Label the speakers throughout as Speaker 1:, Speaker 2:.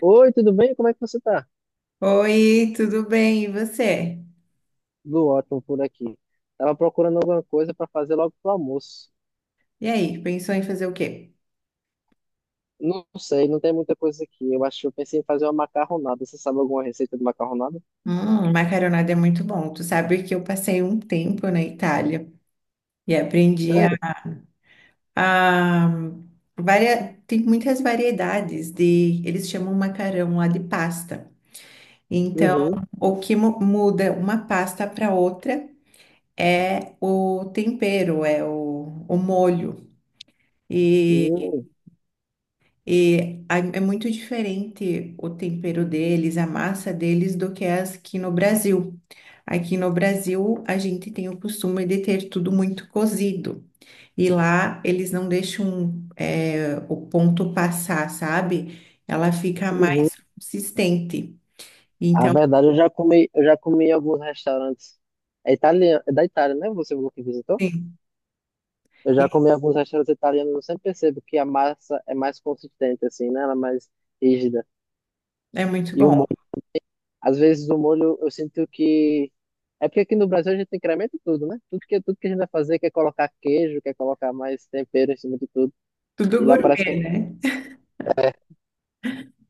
Speaker 1: Oi, tudo bem? Como é que você tá?
Speaker 2: Oi, tudo bem? E você?
Speaker 1: Tudo ótimo por aqui. Tava procurando alguma coisa para fazer logo pro almoço.
Speaker 2: E aí, pensou em fazer o quê?
Speaker 1: Não sei, não tem muita coisa aqui. Eu acho que eu pensei em fazer uma macarronada. Você sabe alguma receita de macarronada?
Speaker 2: Macarronada é muito bom. Tu sabe que eu passei um tempo na Itália e aprendi a,
Speaker 1: Sério?
Speaker 2: a tem muitas variedades de, eles chamam macarrão lá de pasta. Então,
Speaker 1: Uhum.
Speaker 2: o que muda uma pasta para outra é o tempero, é o molho.
Speaker 1: Uhum.
Speaker 2: É muito diferente o tempero deles, a massa deles, do que as aqui no Brasil. Aqui no Brasil, a gente tem o costume de ter tudo muito cozido. E lá, eles não deixam, o ponto passar, sabe? Ela fica
Speaker 1: Uhum.
Speaker 2: mais consistente.
Speaker 1: A
Speaker 2: Então,
Speaker 1: verdade, eu já comi em alguns restaurantes. É italiano, é da Itália, né? Você falou que visitou?
Speaker 2: sim,
Speaker 1: Eu já comi em alguns restaurantes italianos. Eu sempre percebo que a massa é mais consistente, assim, né? Ela é mais rígida.
Speaker 2: é muito
Speaker 1: E o
Speaker 2: bom.
Speaker 1: Às vezes o molho eu sinto que. É porque aqui no Brasil a gente incrementa tudo, né? Tudo que a gente vai fazer quer colocar queijo, quer colocar mais tempero em cima de tudo.
Speaker 2: Tudo
Speaker 1: E lá parece que
Speaker 2: gourmet, né?
Speaker 1: é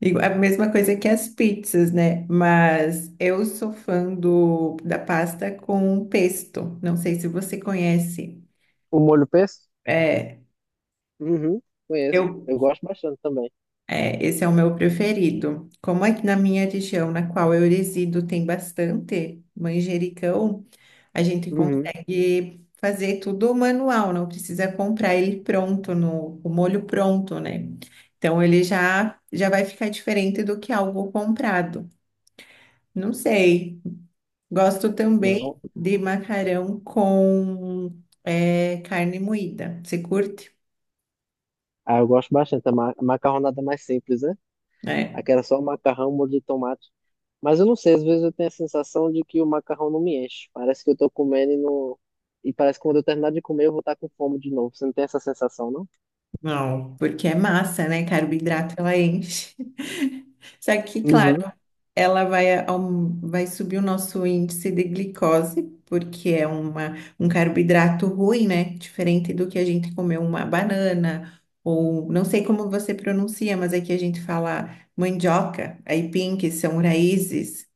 Speaker 2: Digo, a mesma coisa que as pizzas, né? Mas eu sou fã do, da pasta com pesto. Não sei se você conhece.
Speaker 1: o molho pesto.
Speaker 2: É,
Speaker 1: Uhum, conheço.
Speaker 2: eu,
Speaker 1: Eu gosto bastante também.
Speaker 2: é, esse é o meu preferido. Como aqui na minha região, na qual eu resido, tem bastante manjericão, a gente
Speaker 1: Uhum.
Speaker 2: consegue fazer tudo manual, não precisa comprar ele pronto, no, o molho pronto, né? Então ele já, já vai ficar diferente do que algo comprado. Não sei. Gosto também
Speaker 1: Não.
Speaker 2: de macarrão com carne moída. Você curte?
Speaker 1: Ah, eu gosto bastante. A macarronada mais simples, né?
Speaker 2: É.
Speaker 1: Aquela só o macarrão, molho de tomate. Mas eu não sei, às vezes eu tenho a sensação de que o macarrão não me enche. Parece que eu tô comendo e não. E parece que quando eu terminar de comer, eu vou estar com fome de novo. Você não tem essa sensação, não?
Speaker 2: Não, porque é massa, né? Carboidrato ela enche. Só que,
Speaker 1: Uhum.
Speaker 2: claro, ela vai, vai subir o nosso índice de glicose, porque é uma, um carboidrato ruim, né? Diferente do que a gente comer uma banana, ou não sei como você pronuncia, mas aqui a gente fala mandioca, aipim, que são raízes.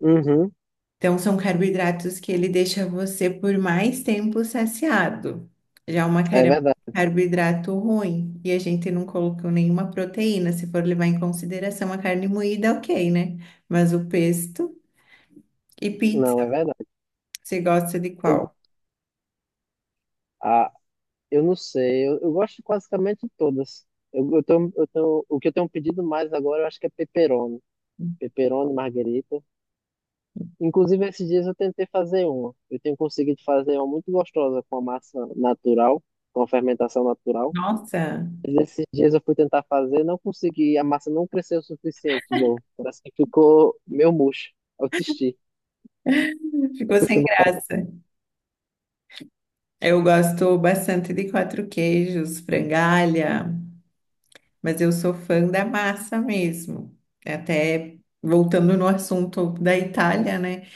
Speaker 1: Uhum.
Speaker 2: Então, são carboidratos que ele deixa você por mais tempo saciado. Já o
Speaker 1: É
Speaker 2: macarrão é um
Speaker 1: verdade.
Speaker 2: carboidrato ruim. E a gente não colocou nenhuma proteína. Se for levar em consideração a carne moída, ok, né? Mas o pesto e
Speaker 1: Não, é
Speaker 2: pizza,
Speaker 1: verdade.
Speaker 2: você gosta de
Speaker 1: Eu,
Speaker 2: qual?
Speaker 1: ah, eu não sei. Eu gosto de basicamente todas. Eu, eu tenho, o que eu tenho pedido mais agora, eu acho que é pepperoni. Pepperoni, marguerita. Inclusive, esses dias eu tentei fazer uma. Eu tenho conseguido fazer uma muito gostosa com a massa natural, com a fermentação natural.
Speaker 2: Nossa,
Speaker 1: Mas esses dias eu fui tentar fazer, não consegui. A massa não cresceu o suficiente de novo. Parece que ficou meio murcha. Eu desisti. Eu
Speaker 2: ficou sem
Speaker 1: costumo fazer.
Speaker 2: graça. Eu gosto bastante de quatro queijos, frangalha, mas eu sou fã da massa mesmo. Até voltando no assunto da Itália, né?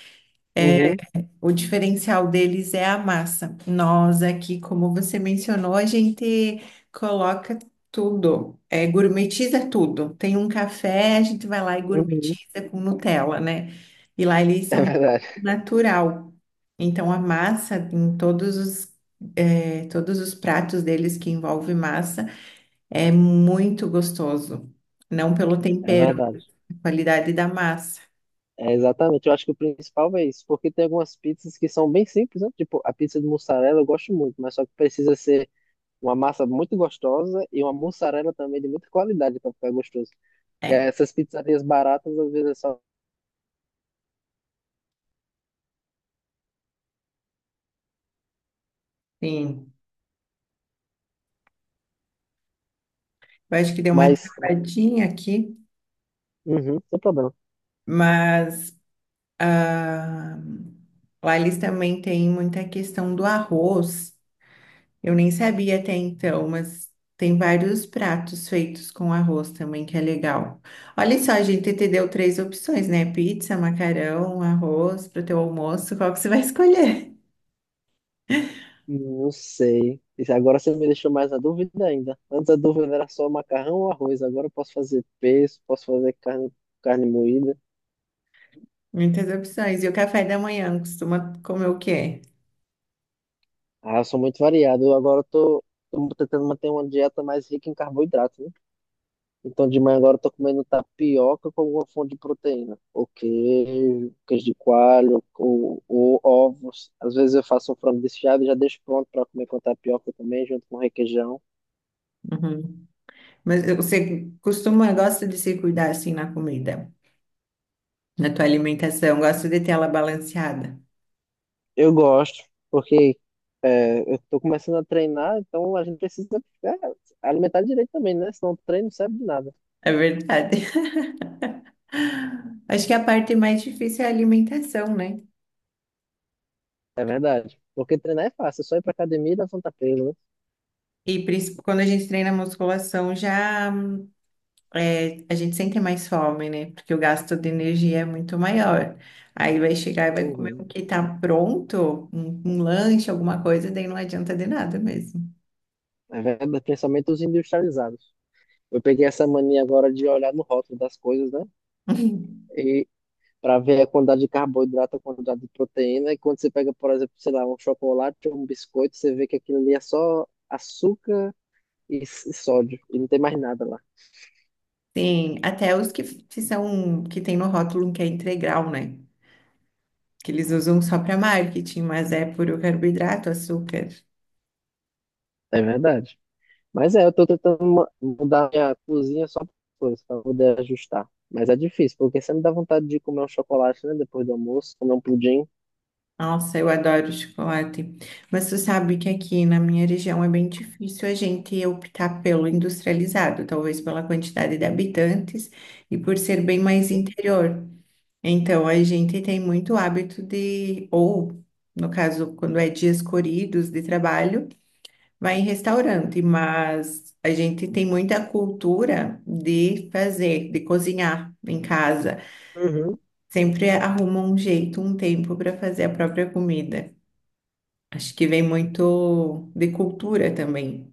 Speaker 1: Uhum,
Speaker 2: O diferencial deles é a massa. Nós aqui, como você mencionou, a gente coloca tudo, gourmetiza tudo. Tem um café, a gente vai lá e
Speaker 1: uhum.
Speaker 2: gourmetiza com Nutella, né? E lá eles
Speaker 1: É
Speaker 2: são
Speaker 1: verdade.
Speaker 2: natural. Então a massa em todos os todos os pratos deles que envolve massa é muito gostoso. Não pelo
Speaker 1: É
Speaker 2: tempero,
Speaker 1: verdade.
Speaker 2: a qualidade da massa.
Speaker 1: É, exatamente, eu acho que o principal é isso, porque tem algumas pizzas que são bem simples, né? Tipo, a pizza de mussarela eu gosto muito, mas só que precisa ser uma massa muito gostosa e uma mussarela também de muita qualidade para ficar gostoso. Que é
Speaker 2: É,
Speaker 1: essas pizzarias baratas às vezes é só.
Speaker 2: sim. Eu acho que deu uma
Speaker 1: Mas,
Speaker 2: travadinha aqui.
Speaker 1: uhum, sem problema.
Speaker 2: Mas ah, lá eles também têm muita questão do arroz. Eu nem sabia até então, mas tem vários pratos feitos com arroz também, que é legal. Olha só, a gente te deu três opções, né? Pizza, macarrão, arroz para o teu almoço. Qual que você vai escolher?
Speaker 1: Não sei. Isso agora você me deixou mais na dúvida ainda. Antes a dúvida era só macarrão ou arroz, agora eu posso fazer pesto, posso fazer carne, carne moída.
Speaker 2: Muitas opções. E o café da manhã costuma comer o quê?
Speaker 1: Ah, eu sou muito variado. Eu Agora tô tentando manter uma dieta mais rica em carboidrato, né? Então, de manhã agora eu tô comendo tapioca com alguma fonte de proteína. Ou queijo, queijo de coalho, ou ovos. Às vezes eu faço um frango desfiado e já deixo pronto para comer com tapioca também, junto com requeijão.
Speaker 2: Uhum. Mas você costuma, gosta de se cuidar assim na comida, na tua alimentação, gosta de ter ela balanceada.
Speaker 1: Eu gosto, porque eu tô começando a treinar, então a gente precisa é, alimentar direito também, né? Senão o treino não serve de nada.
Speaker 2: É verdade. Acho que a parte mais difícil é a alimentação, né?
Speaker 1: É verdade. Porque treinar é fácil, é só ir pra academia e levantar peso, né?
Speaker 2: Quando a gente treina musculação, já a gente sente mais fome, né? Porque o gasto de energia é muito maior. Aí vai chegar e vai comer o
Speaker 1: Uhum.
Speaker 2: que tá pronto, um lanche, alguma coisa, daí não adianta de nada mesmo.
Speaker 1: É verdade, principalmente os industrializados. Eu peguei essa mania agora de olhar no rótulo das coisas, né? E, Para ver a quantidade de carboidrato, a quantidade de proteína. E quando você pega, por exemplo, sei lá, um chocolate ou um biscoito, você vê que aquilo ali é só açúcar e sódio, e não tem mais nada lá.
Speaker 2: Sim, até os que são que tem no rótulo que é integral, né? Que eles usam só para marketing, mas é puro carboidrato, açúcar.
Speaker 1: É verdade. Mas é, eu tô tentando mudar minha cozinha só por coisas, para poder ajustar. Mas é difícil, porque sempre dá vontade de comer um chocolate, né, depois do almoço, comer um pudim.
Speaker 2: Nossa, eu adoro chocolate. Mas tu sabe que aqui na minha região é bem difícil a gente optar pelo industrializado, talvez pela quantidade de habitantes e por ser bem mais interior. Então, a gente tem muito hábito de, ou no caso, quando é dias corridos de trabalho, vai em restaurante, mas a gente tem muita cultura de fazer, de cozinhar em casa.
Speaker 1: Uhum.
Speaker 2: Sempre arruma um jeito, um tempo para fazer a própria comida. Acho que vem muito de cultura também.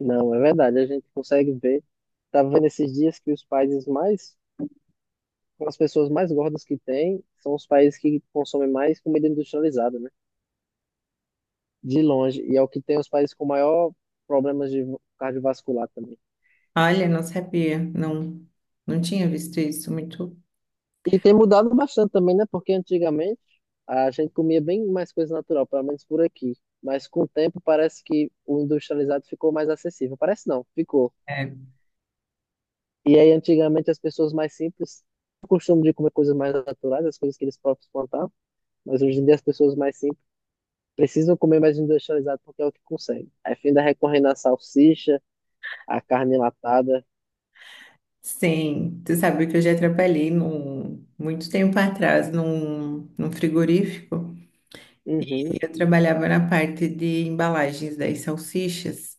Speaker 1: Não, é verdade, a gente consegue ver. Tava vendo esses dias que os países mais as pessoas mais gordas que tem são os países que consomem mais comida industrializada, né? De longe. E é o que tem os países com maior problemas de cardiovascular também.
Speaker 2: Olha, não sabia, não, não tinha visto isso muito.
Speaker 1: E tem mudado bastante também, né? Porque antigamente a gente comia bem mais coisa natural, pelo menos por aqui. Mas com o tempo parece que o industrializado ficou mais acessível. Parece não, ficou.
Speaker 2: É.
Speaker 1: E aí antigamente as pessoas mais simples tinham o costume de comer coisas mais naturais, as coisas que eles próprios plantavam. Mas hoje em dia as pessoas mais simples precisam comer mais industrializado porque é o que consegue. Aí fim da recorrendo à salsicha, à carne enlatada.
Speaker 2: Sim, tu sabe que eu já trabalhei num, muito tempo atrás num, num frigorífico. E
Speaker 1: Uhum.
Speaker 2: eu trabalhava na parte de embalagens das salsichas.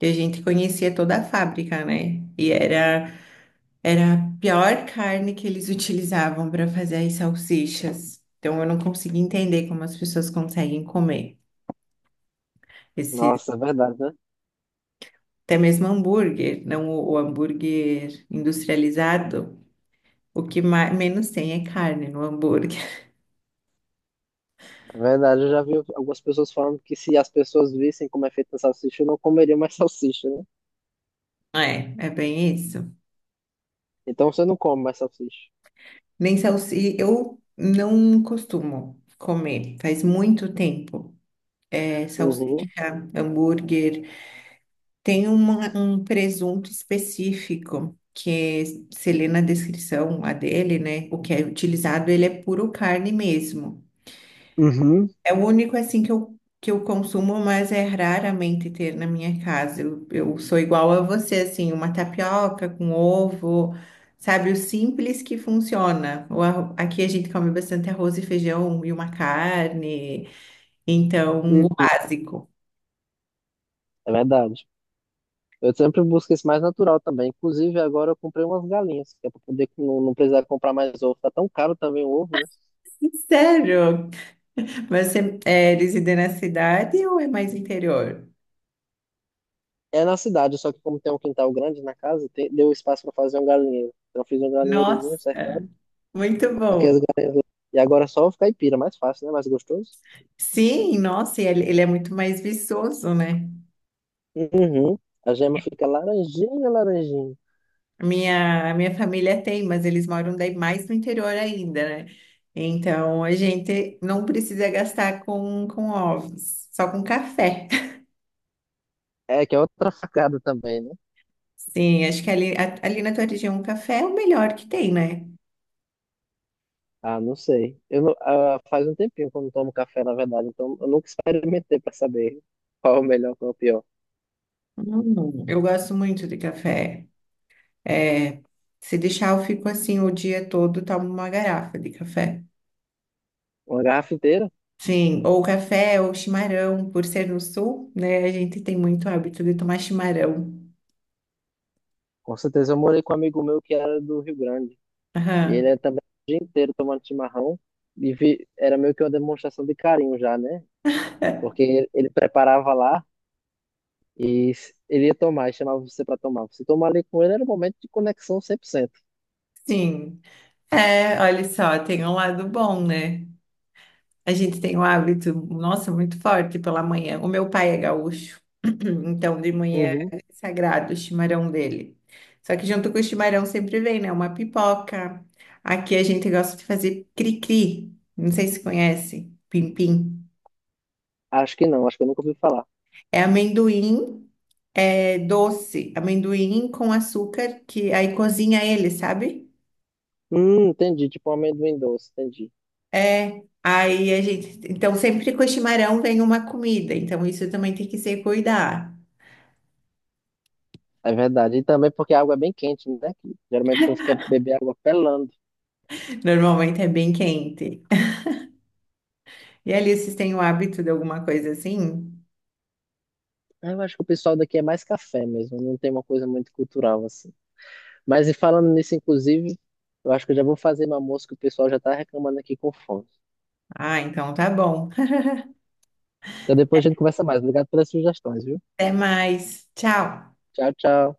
Speaker 2: E a gente conhecia toda a fábrica, né? E era, era a pior carne que eles utilizavam para fazer as salsichas. Então eu não conseguia entender como as pessoas conseguem comer esse,
Speaker 1: Nossa, é verdade, né?
Speaker 2: até mesmo hambúrguer, não o, o hambúrguer industrializado, o que mais, menos tem é carne no hambúrguer.
Speaker 1: É verdade, eu já vi algumas pessoas falando que se as pessoas vissem como é feita a salsicha, não comeriam mais salsicha, né?
Speaker 2: É, é bem isso.
Speaker 1: Então você não come mais salsicha.
Speaker 2: Nem salsicha, eu não costumo comer, faz muito tempo. É,
Speaker 1: Uhum.
Speaker 2: salsicha, hambúrguer, tem um presunto específico. Que é, se lê na descrição a dele, né? O que é utilizado, ele é puro carne mesmo.
Speaker 1: Uhum.
Speaker 2: É o único assim que eu consumo, mas é raramente ter na minha casa. Eu sou igual a você, assim, uma tapioca com ovo, sabe? O simples que funciona. Aqui a gente come bastante arroz e feijão e uma carne, então
Speaker 1: Hum,
Speaker 2: o básico.
Speaker 1: é verdade. Eu sempre busco esse mais natural também. Inclusive, agora eu comprei umas galinhas, que é pra poder não precisar comprar mais ovo. Tá tão caro também o ovo, né?
Speaker 2: Sério? Mas você é, reside na cidade ou é mais interior?
Speaker 1: É na cidade, só que como tem um quintal grande na casa, tem- deu espaço para fazer um galinheiro. Então eu fiz um galinheirozinho
Speaker 2: Nossa,
Speaker 1: cercado,
Speaker 2: muito
Speaker 1: coloquei
Speaker 2: bom.
Speaker 1: as galinhas lá. E agora é só caipira, mais fácil, né? Mais gostoso.
Speaker 2: Sim, nossa, e ele é muito mais viçoso, né?
Speaker 1: Uhum. A gema fica laranjinha, laranjinha.
Speaker 2: A minha família tem, mas eles moram daí mais no interior ainda, né? Então a gente não precisa gastar com ovos, só com café.
Speaker 1: É, que é outra facada também, né?
Speaker 2: Sim, acho que ali, ali na tua região o café é o melhor que tem, né?
Speaker 1: Ah, não sei. Eu não- Ah, faz um tempinho que eu não tomo café, na verdade, então eu nunca experimentei para saber qual é o melhor, qual é o pior.
Speaker 2: Eu gosto muito de café. É, se deixar, eu fico assim o dia todo, tomo uma garrafa de café.
Speaker 1: Uma garrafa inteira?
Speaker 2: Sim, ou café ou chimarrão, por ser no sul, né? A gente tem muito hábito de tomar chimarrão.
Speaker 1: Com certeza eu morei com um amigo meu que era do Rio Grande. E ele
Speaker 2: Aham.
Speaker 1: era também o dia inteiro tomando chimarrão. Era meio que uma demonstração de carinho já, né? Porque ele preparava lá ele ia tomar, e chamava você para tomar. Você tomar ali com ele era um momento de conexão 100%.
Speaker 2: Sim. É, olha só, tem um lado bom, né? A gente tem um hábito, nossa, muito forte pela manhã. O meu pai é gaúcho, então de manhã
Speaker 1: Uhum.
Speaker 2: é sagrado o chimarrão dele. Só que junto com o chimarrão sempre vem, né? Uma pipoca. Aqui a gente gosta de fazer cri-cri, não sei se conhece, pim-pim.
Speaker 1: Acho que não, acho que eu nunca ouvi falar.
Speaker 2: É amendoim, é doce, amendoim com açúcar, que aí cozinha ele, sabe?
Speaker 1: Entendi, tipo um amendoim doce, entendi.
Speaker 2: É, aí a gente. Então, sempre com o chimarrão vem uma comida, então isso também tem que se cuidar.
Speaker 1: É verdade. E também porque a água é bem quente, né? Que geralmente o povo quer beber água pelando.
Speaker 2: Normalmente é bem quente. E ali, vocês têm o hábito de alguma coisa assim?
Speaker 1: Eu acho que o pessoal daqui é mais café mesmo, não tem uma coisa muito cultural assim. Mas e falando nisso, inclusive, eu acho que eu já vou fazer uma almoço que o pessoal já tá reclamando aqui com fome.
Speaker 2: Ah, então tá bom.
Speaker 1: Então depois a gente conversa mais. Obrigado pelas sugestões, viu?
Speaker 2: Até mais. Tchau.
Speaker 1: Tchau, tchau.